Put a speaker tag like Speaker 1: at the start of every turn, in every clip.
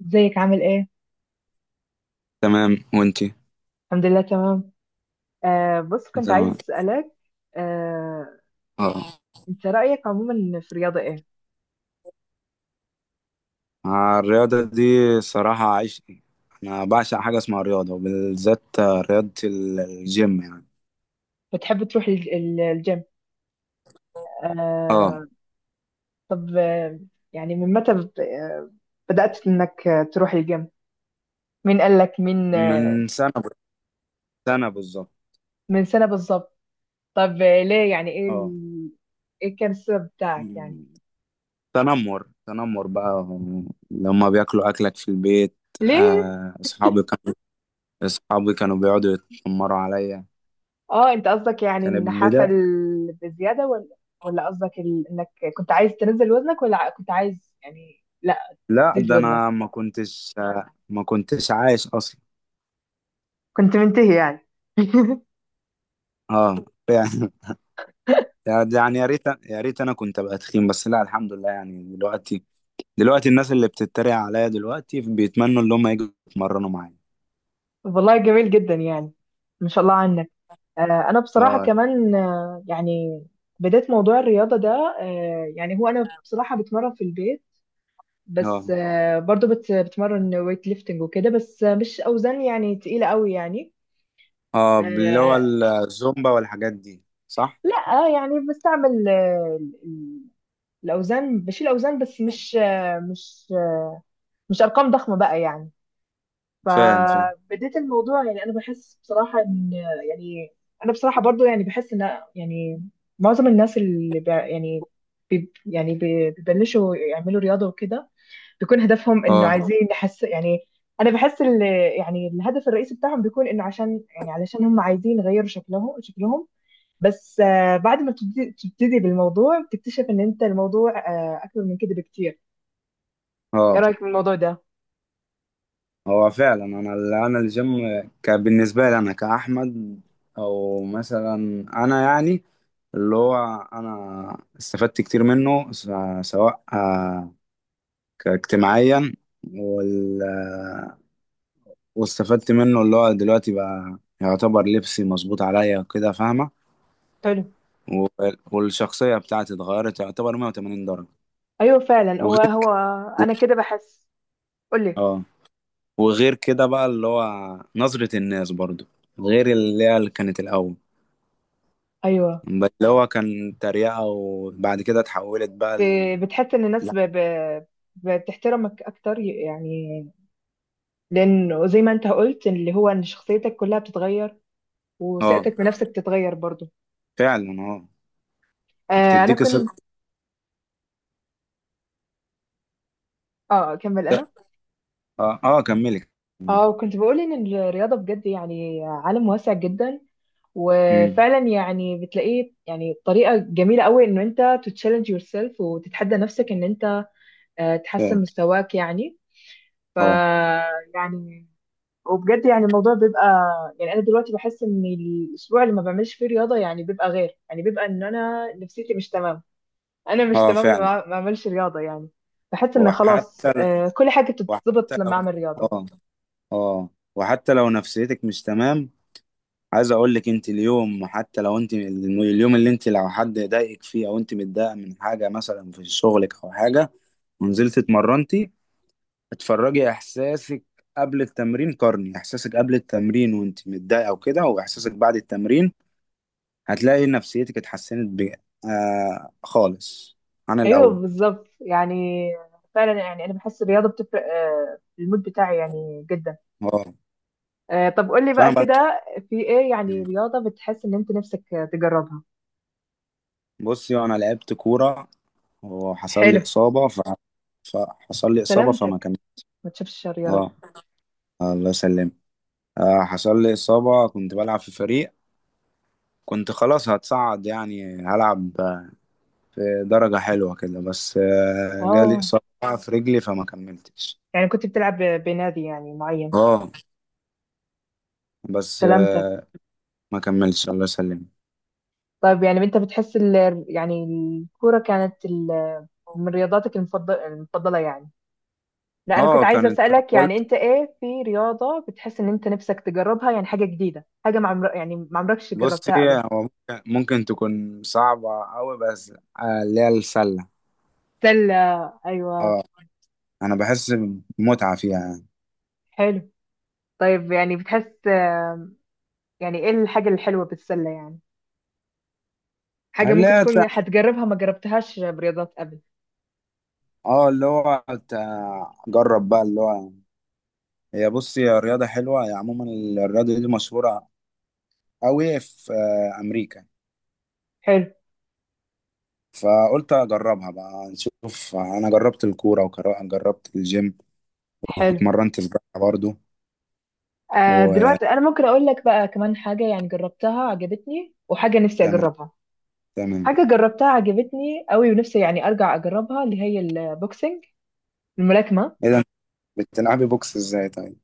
Speaker 1: ازيك عامل ايه؟
Speaker 2: تمام وانتي.
Speaker 1: الحمد لله تمام. بص كنت عايز
Speaker 2: تمام.
Speaker 1: اسألك. آه
Speaker 2: اه.
Speaker 1: انت رأيك عموما في الرياضة ايه؟
Speaker 2: الرياضة دي صراحة عشقي. أنا بعشق حاجة اسمها رياضة وبالذات رياضة الجيم يعني.
Speaker 1: بتحب تروح الجيم؟
Speaker 2: اه.
Speaker 1: آه. طب، يعني من متى بدأت انك تروح الجيم؟ مين قال لك
Speaker 2: من سنة سنة بالظبط.
Speaker 1: من سنة بالظبط؟ طب، ليه؟ يعني ايه
Speaker 2: اه.
Speaker 1: ايه كان السبب بتاعك يعني؟
Speaker 2: مم. تنمر تنمر بقى لما بياكلوا أكلك في البيت.
Speaker 1: ليه؟
Speaker 2: آه، أصحابي كانوا أصحابي كانوا بيقعدوا يتنمروا عليا.
Speaker 1: اه انت قصدك، يعني،
Speaker 2: كانت
Speaker 1: النحافة
Speaker 2: بداية.
Speaker 1: بزيادة، ولا قصدك انك كنت عايز تنزل وزنك، ولا كنت عايز، يعني،
Speaker 2: لا،
Speaker 1: زيد
Speaker 2: ده
Speaker 1: وزنك؟
Speaker 2: أنا ما كنتش عايش أصلا.
Speaker 1: كنت منتهي يعني؟
Speaker 2: اه. يعني يا ريت يا ريت انا كنت ابقى تخين، بس لا، الحمد لله يعني دلوقتي الناس اللي بتتريق عليا دلوقتي بيتمنوا ان هم يجوا يتمرنوا معايا.
Speaker 1: والله جميل جدا يعني. ما شاء الله عنك. آه، انا بصراحه
Speaker 2: اه،
Speaker 1: كمان، يعني بدأت موضوع الرياضه ده. يعني هو انا بصراحه بتمرن في البيت، بس
Speaker 2: اه،
Speaker 1: برضو بتمرن ويت ليفتنج وكده. بس مش اوزان يعني تقيله قوي يعني.
Speaker 2: اه. اللي هو
Speaker 1: آه،
Speaker 2: الزومبا والحاجات دي، صح؟
Speaker 1: لا يعني بستعمل، الاوزان. بشيل اوزان، بس مش ارقام ضخمه بقى يعني.
Speaker 2: فاهم فاهم.
Speaker 1: فبديت الموضوع. يعني انا بحس بصراحه ان، يعني، انا بصراحه برضو يعني بحس ان، يعني، معظم الناس اللي بيبلشوا يعملوا رياضه وكده، بيكون هدفهم انه
Speaker 2: اه،
Speaker 1: عايزين يحس يعني. انا بحس يعني الهدف الرئيسي بتاعهم بيكون انه عشان، يعني، علشان هم عايزين يغيروا شكلهم شكلهم. بس، بعد ما تبتدي بالموضوع، بتكتشف ان انت الموضوع اكبر من كده بكتير. ايه
Speaker 2: اه.
Speaker 1: رايك في الموضوع ده؟
Speaker 2: هو فعلا انا الجيم كان بالنسبه لي انا كاحمد، او مثلا انا يعني اللي هو انا استفدت كتير منه سواء كاجتماعيا وال واستفدت منه. اللي هو دلوقتي بقى يعتبر لبسي مظبوط عليا وكده، فاهمة.
Speaker 1: حلو.
Speaker 2: و- والشخصية بتاعتي اتغيرت يعتبر 180 درجة.
Speaker 1: ايوه فعلا. هو
Speaker 2: وغير.
Speaker 1: هو انا كده بحس. قول لي.
Speaker 2: اه. وغير كده بقى اللي هو نظرة الناس برضو، غير اللي هي اللي كانت الأول.
Speaker 1: ايوه،
Speaker 2: بس اللي هو كان تريقة وبعد كده اتحولت بقى
Speaker 1: بتحس ان الناس
Speaker 2: لا.
Speaker 1: بتحترمك اكتر يعني. لان زي ما انت قلت اللي هو ان شخصيتك كلها بتتغير،
Speaker 2: اه،
Speaker 1: وثقتك بنفسك بتتغير برضو.
Speaker 2: فعلا، اه.
Speaker 1: انا
Speaker 2: وبتديك
Speaker 1: كنت...
Speaker 2: ثقة.
Speaker 1: اه كمل انا.
Speaker 2: اه، اه، كملي.
Speaker 1: اه كنت بقول ان الرياضة بجد يعني عالم واسع جدا.
Speaker 2: امم.
Speaker 1: وفعلا يعني بتلاقيه يعني طريقة جميلة قوي ان انت تتشالنج يور سيلف وتتحدى نفسك ان انت،
Speaker 2: اه،
Speaker 1: تحسن مستواك يعني. ف
Speaker 2: اه.
Speaker 1: يعني، وبجد يعني الموضوع بيبقى، يعني، انا دلوقتي بحس ان الاسبوع اللي ما بعملش فيه رياضه يعني بيبقى غير، يعني بيبقى ان انا نفسيتي مش تمام. انا مش
Speaker 2: اه،
Speaker 1: تمام
Speaker 2: فعلا.
Speaker 1: لما ما اعملش رياضه يعني. بحس ان خلاص،
Speaker 2: وحتى ال...
Speaker 1: كل حاجه بتتظبط
Speaker 2: وحتى
Speaker 1: لما اعمل رياضه.
Speaker 2: اه اه وحتى لو نفسيتك مش تمام، عايز اقول لك انت اليوم، حتى لو انت اليوم اللي انت، لو حد ضايقك فيه او انت متضايقه من حاجه مثلا في شغلك او حاجه، ونزلت اتمرنتي، اتفرجي احساسك قبل التمرين، قارني احساسك قبل التمرين وانت متضايقه وكده، واحساسك بعد التمرين. هتلاقي نفسيتك اتحسنت ب... آه خالص عن
Speaker 1: ايوه
Speaker 2: الاول.
Speaker 1: بالظبط يعني. فعلا يعني انا بحس الرياضه بتفرق، في المود بتاعي يعني جدا.
Speaker 2: اه.
Speaker 1: طب قول لي بقى
Speaker 2: فانا
Speaker 1: كده، في ايه، يعني،
Speaker 2: بن...
Speaker 1: رياضه بتحس ان انت نفسك تجربها؟
Speaker 2: بصي انا لعبت كوره وحصل
Speaker 1: حلو.
Speaker 2: لي اصابه ف... فحصل لي اصابه فما
Speaker 1: سلامتك،
Speaker 2: كملتش.
Speaker 1: ما تشوفش الشر يا رب.
Speaker 2: اه. الله يسلم. حصل لي إصابة، كنت بلعب في فريق، كنت خلاص هتصعد يعني، هلعب في درجة حلوة كده، بس جالي
Speaker 1: اه
Speaker 2: إصابة في رجلي فما كملتش.
Speaker 1: يعني كنت بتلعب بنادي يعني معين؟
Speaker 2: اه. بس
Speaker 1: سلامتك.
Speaker 2: ما كملتش، الله يسلم.
Speaker 1: طيب يعني انت بتحس يعني الكورة كانت من رياضاتك المفضلة يعني؟ لا، انا كنت
Speaker 2: اه.
Speaker 1: عايزة
Speaker 2: كانت
Speaker 1: اسألك، يعني
Speaker 2: قلت
Speaker 1: انت ايه في رياضة بتحس ان انت نفسك تجربها؟ يعني حاجة جديدة، حاجة ما عمر... يعني ما عمركش
Speaker 2: بصي،
Speaker 1: جربتها قبل.
Speaker 2: هو ممكن تكون صعبة أوي، بس اللي هي السلة.
Speaker 1: سلة. ايوه.
Speaker 2: اه. أنا بحس بمتعة فيها يعني.
Speaker 1: حلو. طيب يعني بتحس، يعني ايه الحاجة الحلوة بالسلة، يعني حاجة
Speaker 2: اللي
Speaker 1: ممكن
Speaker 2: هي
Speaker 1: تكون
Speaker 2: تع-
Speaker 1: هتجربها ما جربتهاش برياضات قبل؟
Speaker 2: اه، جرب بقى اللي هو، هي بص هي رياضة حلوة، هي عموما الرياضة دي مشهورة أوي في أمريكا.
Speaker 1: حلو.
Speaker 2: فقلت أجربها بقى نشوف. أنا جربت الكورة وجربت الجيم
Speaker 1: حلو.
Speaker 2: واتمرنت سباحة برضو. وتمام،
Speaker 1: دلوقتي انا ممكن اقول لك بقى كمان حاجة، يعني جربتها عجبتني، وحاجة نفسي اجربها.
Speaker 2: تمام.
Speaker 1: حاجة جربتها عجبتني قوي ونفسي يعني أرجع أجربها، اللي هي البوكسنج، الملاكمة.
Speaker 2: إيه ده، أنت بتلعبي بوكس إزاي طيب؟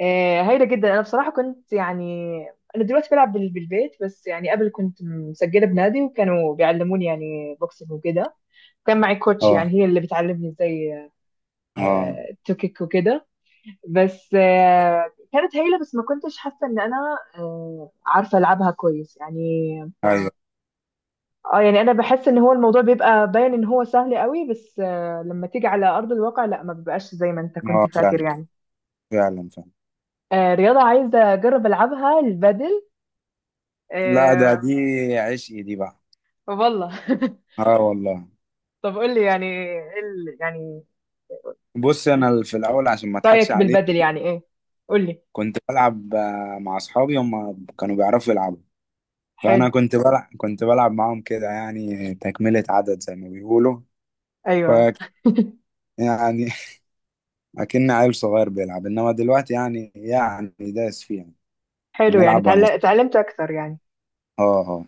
Speaker 1: هايلة جدا. أنا بصراحة كنت يعني، أنا دلوقتي بلعب بالبيت، بس يعني قبل كنت مسجلة بنادي وكانوا بيعلموني، يعني بوكسنج وكده. كان معي كوتش،
Speaker 2: أه،
Speaker 1: يعني هي اللي بتعلمني ازاي،
Speaker 2: أه.
Speaker 1: توكيك وكده. بس كانت هايلة، بس ما كنتش حاسة إن أنا عارفة ألعبها كويس يعني.
Speaker 2: أيوه،
Speaker 1: اه يعني انا بحس ان هو الموضوع بيبقى باين ان هو سهل قوي، بس لما تيجي على ارض الواقع، لا، ما بيبقاش زي ما انت كنت
Speaker 2: أه،
Speaker 1: فاكر
Speaker 2: فعلا،
Speaker 1: يعني.
Speaker 2: فعلا، فعلا.
Speaker 1: رياضة عايزة اجرب العبها، البادل.
Speaker 2: لا، ده
Speaker 1: آه،
Speaker 2: دي عشقي دي بقى.
Speaker 1: والله.
Speaker 2: أه والله.
Speaker 1: طب قول لي، يعني ايه يعني
Speaker 2: بص، أنا في الأول، عشان ما أضحكش
Speaker 1: رأيك
Speaker 2: عليك،
Speaker 1: بالبادل يعني ايه؟ قول لي.
Speaker 2: كنت بلعب مع أصحابي، هم كانوا بيعرفوا يلعبوا. فانا
Speaker 1: حلو.
Speaker 2: كنت بلعب معاهم كده يعني، تكملة عدد زي ما بيقولوا. ف
Speaker 1: ايوه
Speaker 2: يعني اكن عيل صغير بيلعب، انما دلوقتي يعني داس فيها.
Speaker 1: حلو. يعني
Speaker 2: بنلعب انا
Speaker 1: اتعلمت اكتر يعني؟
Speaker 2: اه، اه،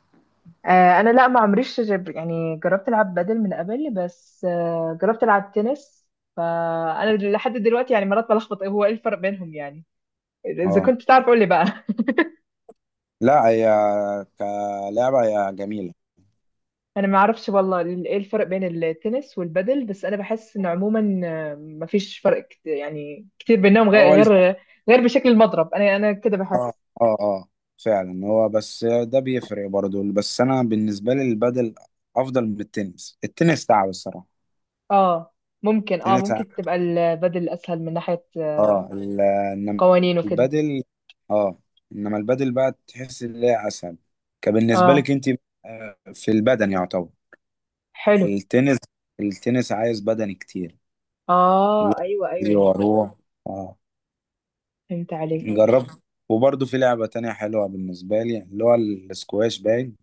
Speaker 1: انا، لا، ما عمريش يعني جربت العب بادل من قبل، بس جربت العب تنس. فانا لحد دلوقتي يعني مرات بلخبط، إيه هو ايه الفرق بينهم يعني. اذا
Speaker 2: اه.
Speaker 1: كنت تعرف قول لي بقى.
Speaker 2: لا، هي كلعبة هي جميلة.
Speaker 1: انا ما اعرفش والله ايه الفرق بين التنس والبادل. بس انا بحس ان عموما، ما فيش فرق يعني كتير بينهم،
Speaker 2: اول.
Speaker 1: غير بشكل المضرب. انا كده
Speaker 2: اه،
Speaker 1: بحس.
Speaker 2: اه، اه، فعلا. هو بس ده بيفرق برضه، بس انا بالنسبة لي البادل افضل من التنس. التنس تعب الصراحة.
Speaker 1: اه ممكن اه
Speaker 2: التنس،
Speaker 1: ممكن تبقى البادل اسهل من ناحية،
Speaker 2: اه، انما
Speaker 1: قوانين وكده.
Speaker 2: البدل. اه انما البدل بقى تحس ان هي اسهل، كبالنسبه
Speaker 1: اه
Speaker 2: لك انت، في البدن يعتبر.
Speaker 1: حلو.
Speaker 2: التنس التنس عايز بدني كتير.
Speaker 1: اه ايوه،
Speaker 2: اللي
Speaker 1: ايوه
Speaker 2: هو واروح. اه،
Speaker 1: فهمت عليك.
Speaker 2: جربت. وبرضه في لعبه تانية حلوه بالنسبه لي، اللي هو السكواش، باين.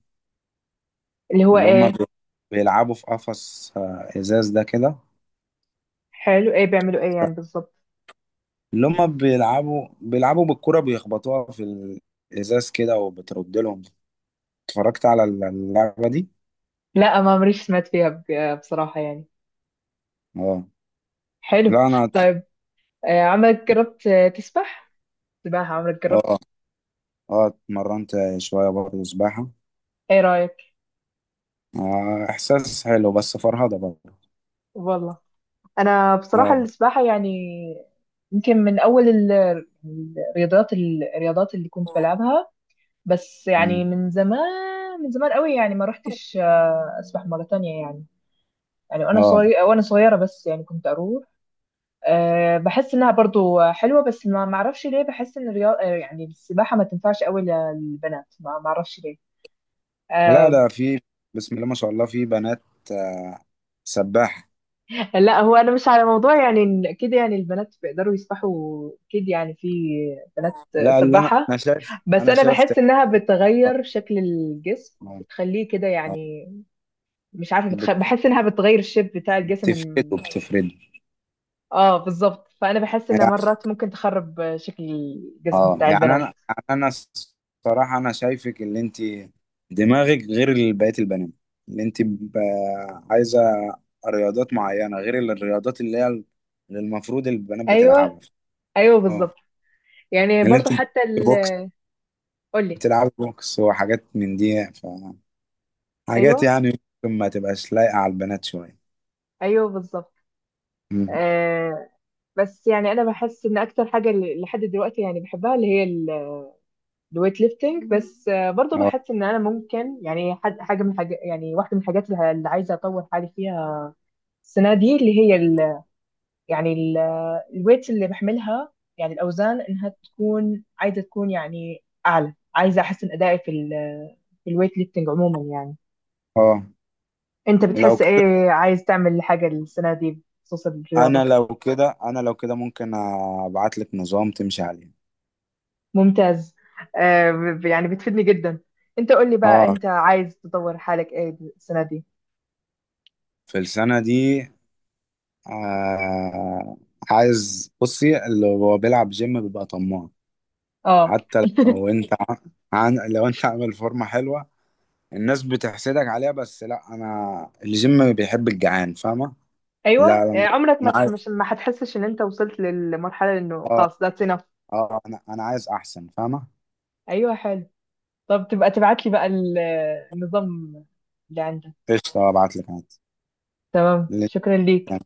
Speaker 1: اللي هو
Speaker 2: اللي هم
Speaker 1: ايه؟
Speaker 2: بيلعبوا في قفص ازاز ده كده.
Speaker 1: حلو. ايه بيعملوا، ايه يعني بالظبط؟
Speaker 2: اللي هم بيلعبوا بالكرة، بيخبطوها في الإزاز كده وبترد لهم. اتفرجت على اللعبة دي.
Speaker 1: لا، ما مريش سمعت فيها، بصراحة يعني.
Speaker 2: اه.
Speaker 1: حلو.
Speaker 2: لا، انا
Speaker 1: طيب، عمرك جربت تسبح؟ سباحة، عمرك جربت؟
Speaker 2: اه، اه، اتمرنت شويه برضه سباحه.
Speaker 1: ايه رأيك؟
Speaker 2: احساس حلو، بس فرهضه برضه.
Speaker 1: والله انا بصراحة
Speaker 2: اه.
Speaker 1: السباحة، يعني يمكن من اول الرياضات اللي كنت بلعبها. بس يعني،
Speaker 2: مم.
Speaker 1: من زمان، من زمان قوي، يعني ما رحتش، اسبح مرة تانية يعني. يعني وانا
Speaker 2: اه.
Speaker 1: صغيرة، وانا صغيرة، بس يعني كنت اروح. بحس انها برضو حلوة، بس ما اعرفش ليه بحس ان الرياضة، يعني السباحة، ما تنفعش قوي للبنات. ما اعرفش ليه.
Speaker 2: لا،
Speaker 1: آه،
Speaker 2: ده في، بسم الله ما شاء الله، في بنات آه سباحه.
Speaker 1: لا، هو انا مش على موضوع، يعني إن كده، يعني البنات بيقدروا يسبحوا اكيد، يعني في بنات
Speaker 2: لا، اللي انا،
Speaker 1: سباحة.
Speaker 2: انا شايف
Speaker 1: بس
Speaker 2: انا
Speaker 1: انا
Speaker 2: شايف ت-
Speaker 1: بحس انها
Speaker 2: اه
Speaker 1: بتغير شكل الجسم،
Speaker 2: اه
Speaker 1: بتخليه كده
Speaker 2: آه.
Speaker 1: يعني، مش عارفة
Speaker 2: بت-
Speaker 1: بحس انها بتغير الشيب بتاع الجسم.
Speaker 2: بتفرده بتفرده.
Speaker 1: اه بالظبط. فانا بحس انها
Speaker 2: يعني-
Speaker 1: مرات ممكن تخرب شكل الجسم
Speaker 2: اه،
Speaker 1: بتاع
Speaker 2: يعني
Speaker 1: البنات.
Speaker 2: انا الصراحه انا شايفك اللي انت دماغك غير بقية البنات. اللي انت عايزة رياضات معينة، غير الرياضات اللي هي اللي المفروض البنات
Speaker 1: ايوه،
Speaker 2: بتلعبها.
Speaker 1: ايوه
Speaker 2: اه.
Speaker 1: بالظبط يعني.
Speaker 2: اللي انت
Speaker 1: برضو حتى
Speaker 2: بوكس،
Speaker 1: قولي.
Speaker 2: بتلعب بوكس وحاجات من دي، ف حاجات
Speaker 1: ايوه،
Speaker 2: يعني ممكن ما تبقاش لايقة على البنات شوية.
Speaker 1: ايوه بالظبط.
Speaker 2: مم.
Speaker 1: آه بس يعني انا بحس ان اكتر حاجة لحد دلوقتي يعني بحبها، اللي هي الويت ليفتنج. بس، برضه
Speaker 2: اه،
Speaker 1: بحس ان انا ممكن، يعني حد حاجه، من حاجة يعني، واحده من الحاجات اللي عايزه اطور حالي فيها السنه دي، اللي هي ال يعني ال الويت اللي بحملها، يعني الاوزان، انها تكون، عايزه تكون يعني اعلى، عايزه احسن ادائي في الويت ليفتنج عموما يعني.
Speaker 2: اه.
Speaker 1: انت
Speaker 2: لو
Speaker 1: بتحس
Speaker 2: كده
Speaker 1: ايه عايز تعمل حاجه السنه دي بخصوص
Speaker 2: انا
Speaker 1: الرياضه؟
Speaker 2: لو كده انا لو كده ممكن ابعت لك نظام تمشي عليه.
Speaker 1: ممتاز. يعني بتفيدني جدا. انت قول لي بقى،
Speaker 2: اه،
Speaker 1: انت عايز تطور حالك ايه السنه دي؟
Speaker 2: في السنة دي. آه عايز، بصي اللي هو بيلعب جيم بيبقى طماع.
Speaker 1: اه
Speaker 2: حتى لو انت ع- عن لو انت عامل فورمه حلوه الناس بتحسدك عليها، بس لا، انا الجيم بيحب الجعان، فاهمه. لا،
Speaker 1: ايوه،
Speaker 2: لا،
Speaker 1: يعني
Speaker 2: انا،
Speaker 1: عمرك ما
Speaker 2: انا عايز
Speaker 1: تحمش، ما هتحسش ان انت وصلت للمرحله انه
Speaker 2: اه
Speaker 1: خلاص، ذاتس enough؟
Speaker 2: اه انا انا عايز احسن، فاهمه.
Speaker 1: ايوه حلو. طب تبقى تبعت لي بقى النظام اللي عندك.
Speaker 2: قشطه، ابعت لك عادي.
Speaker 1: تمام، شكرا ليك.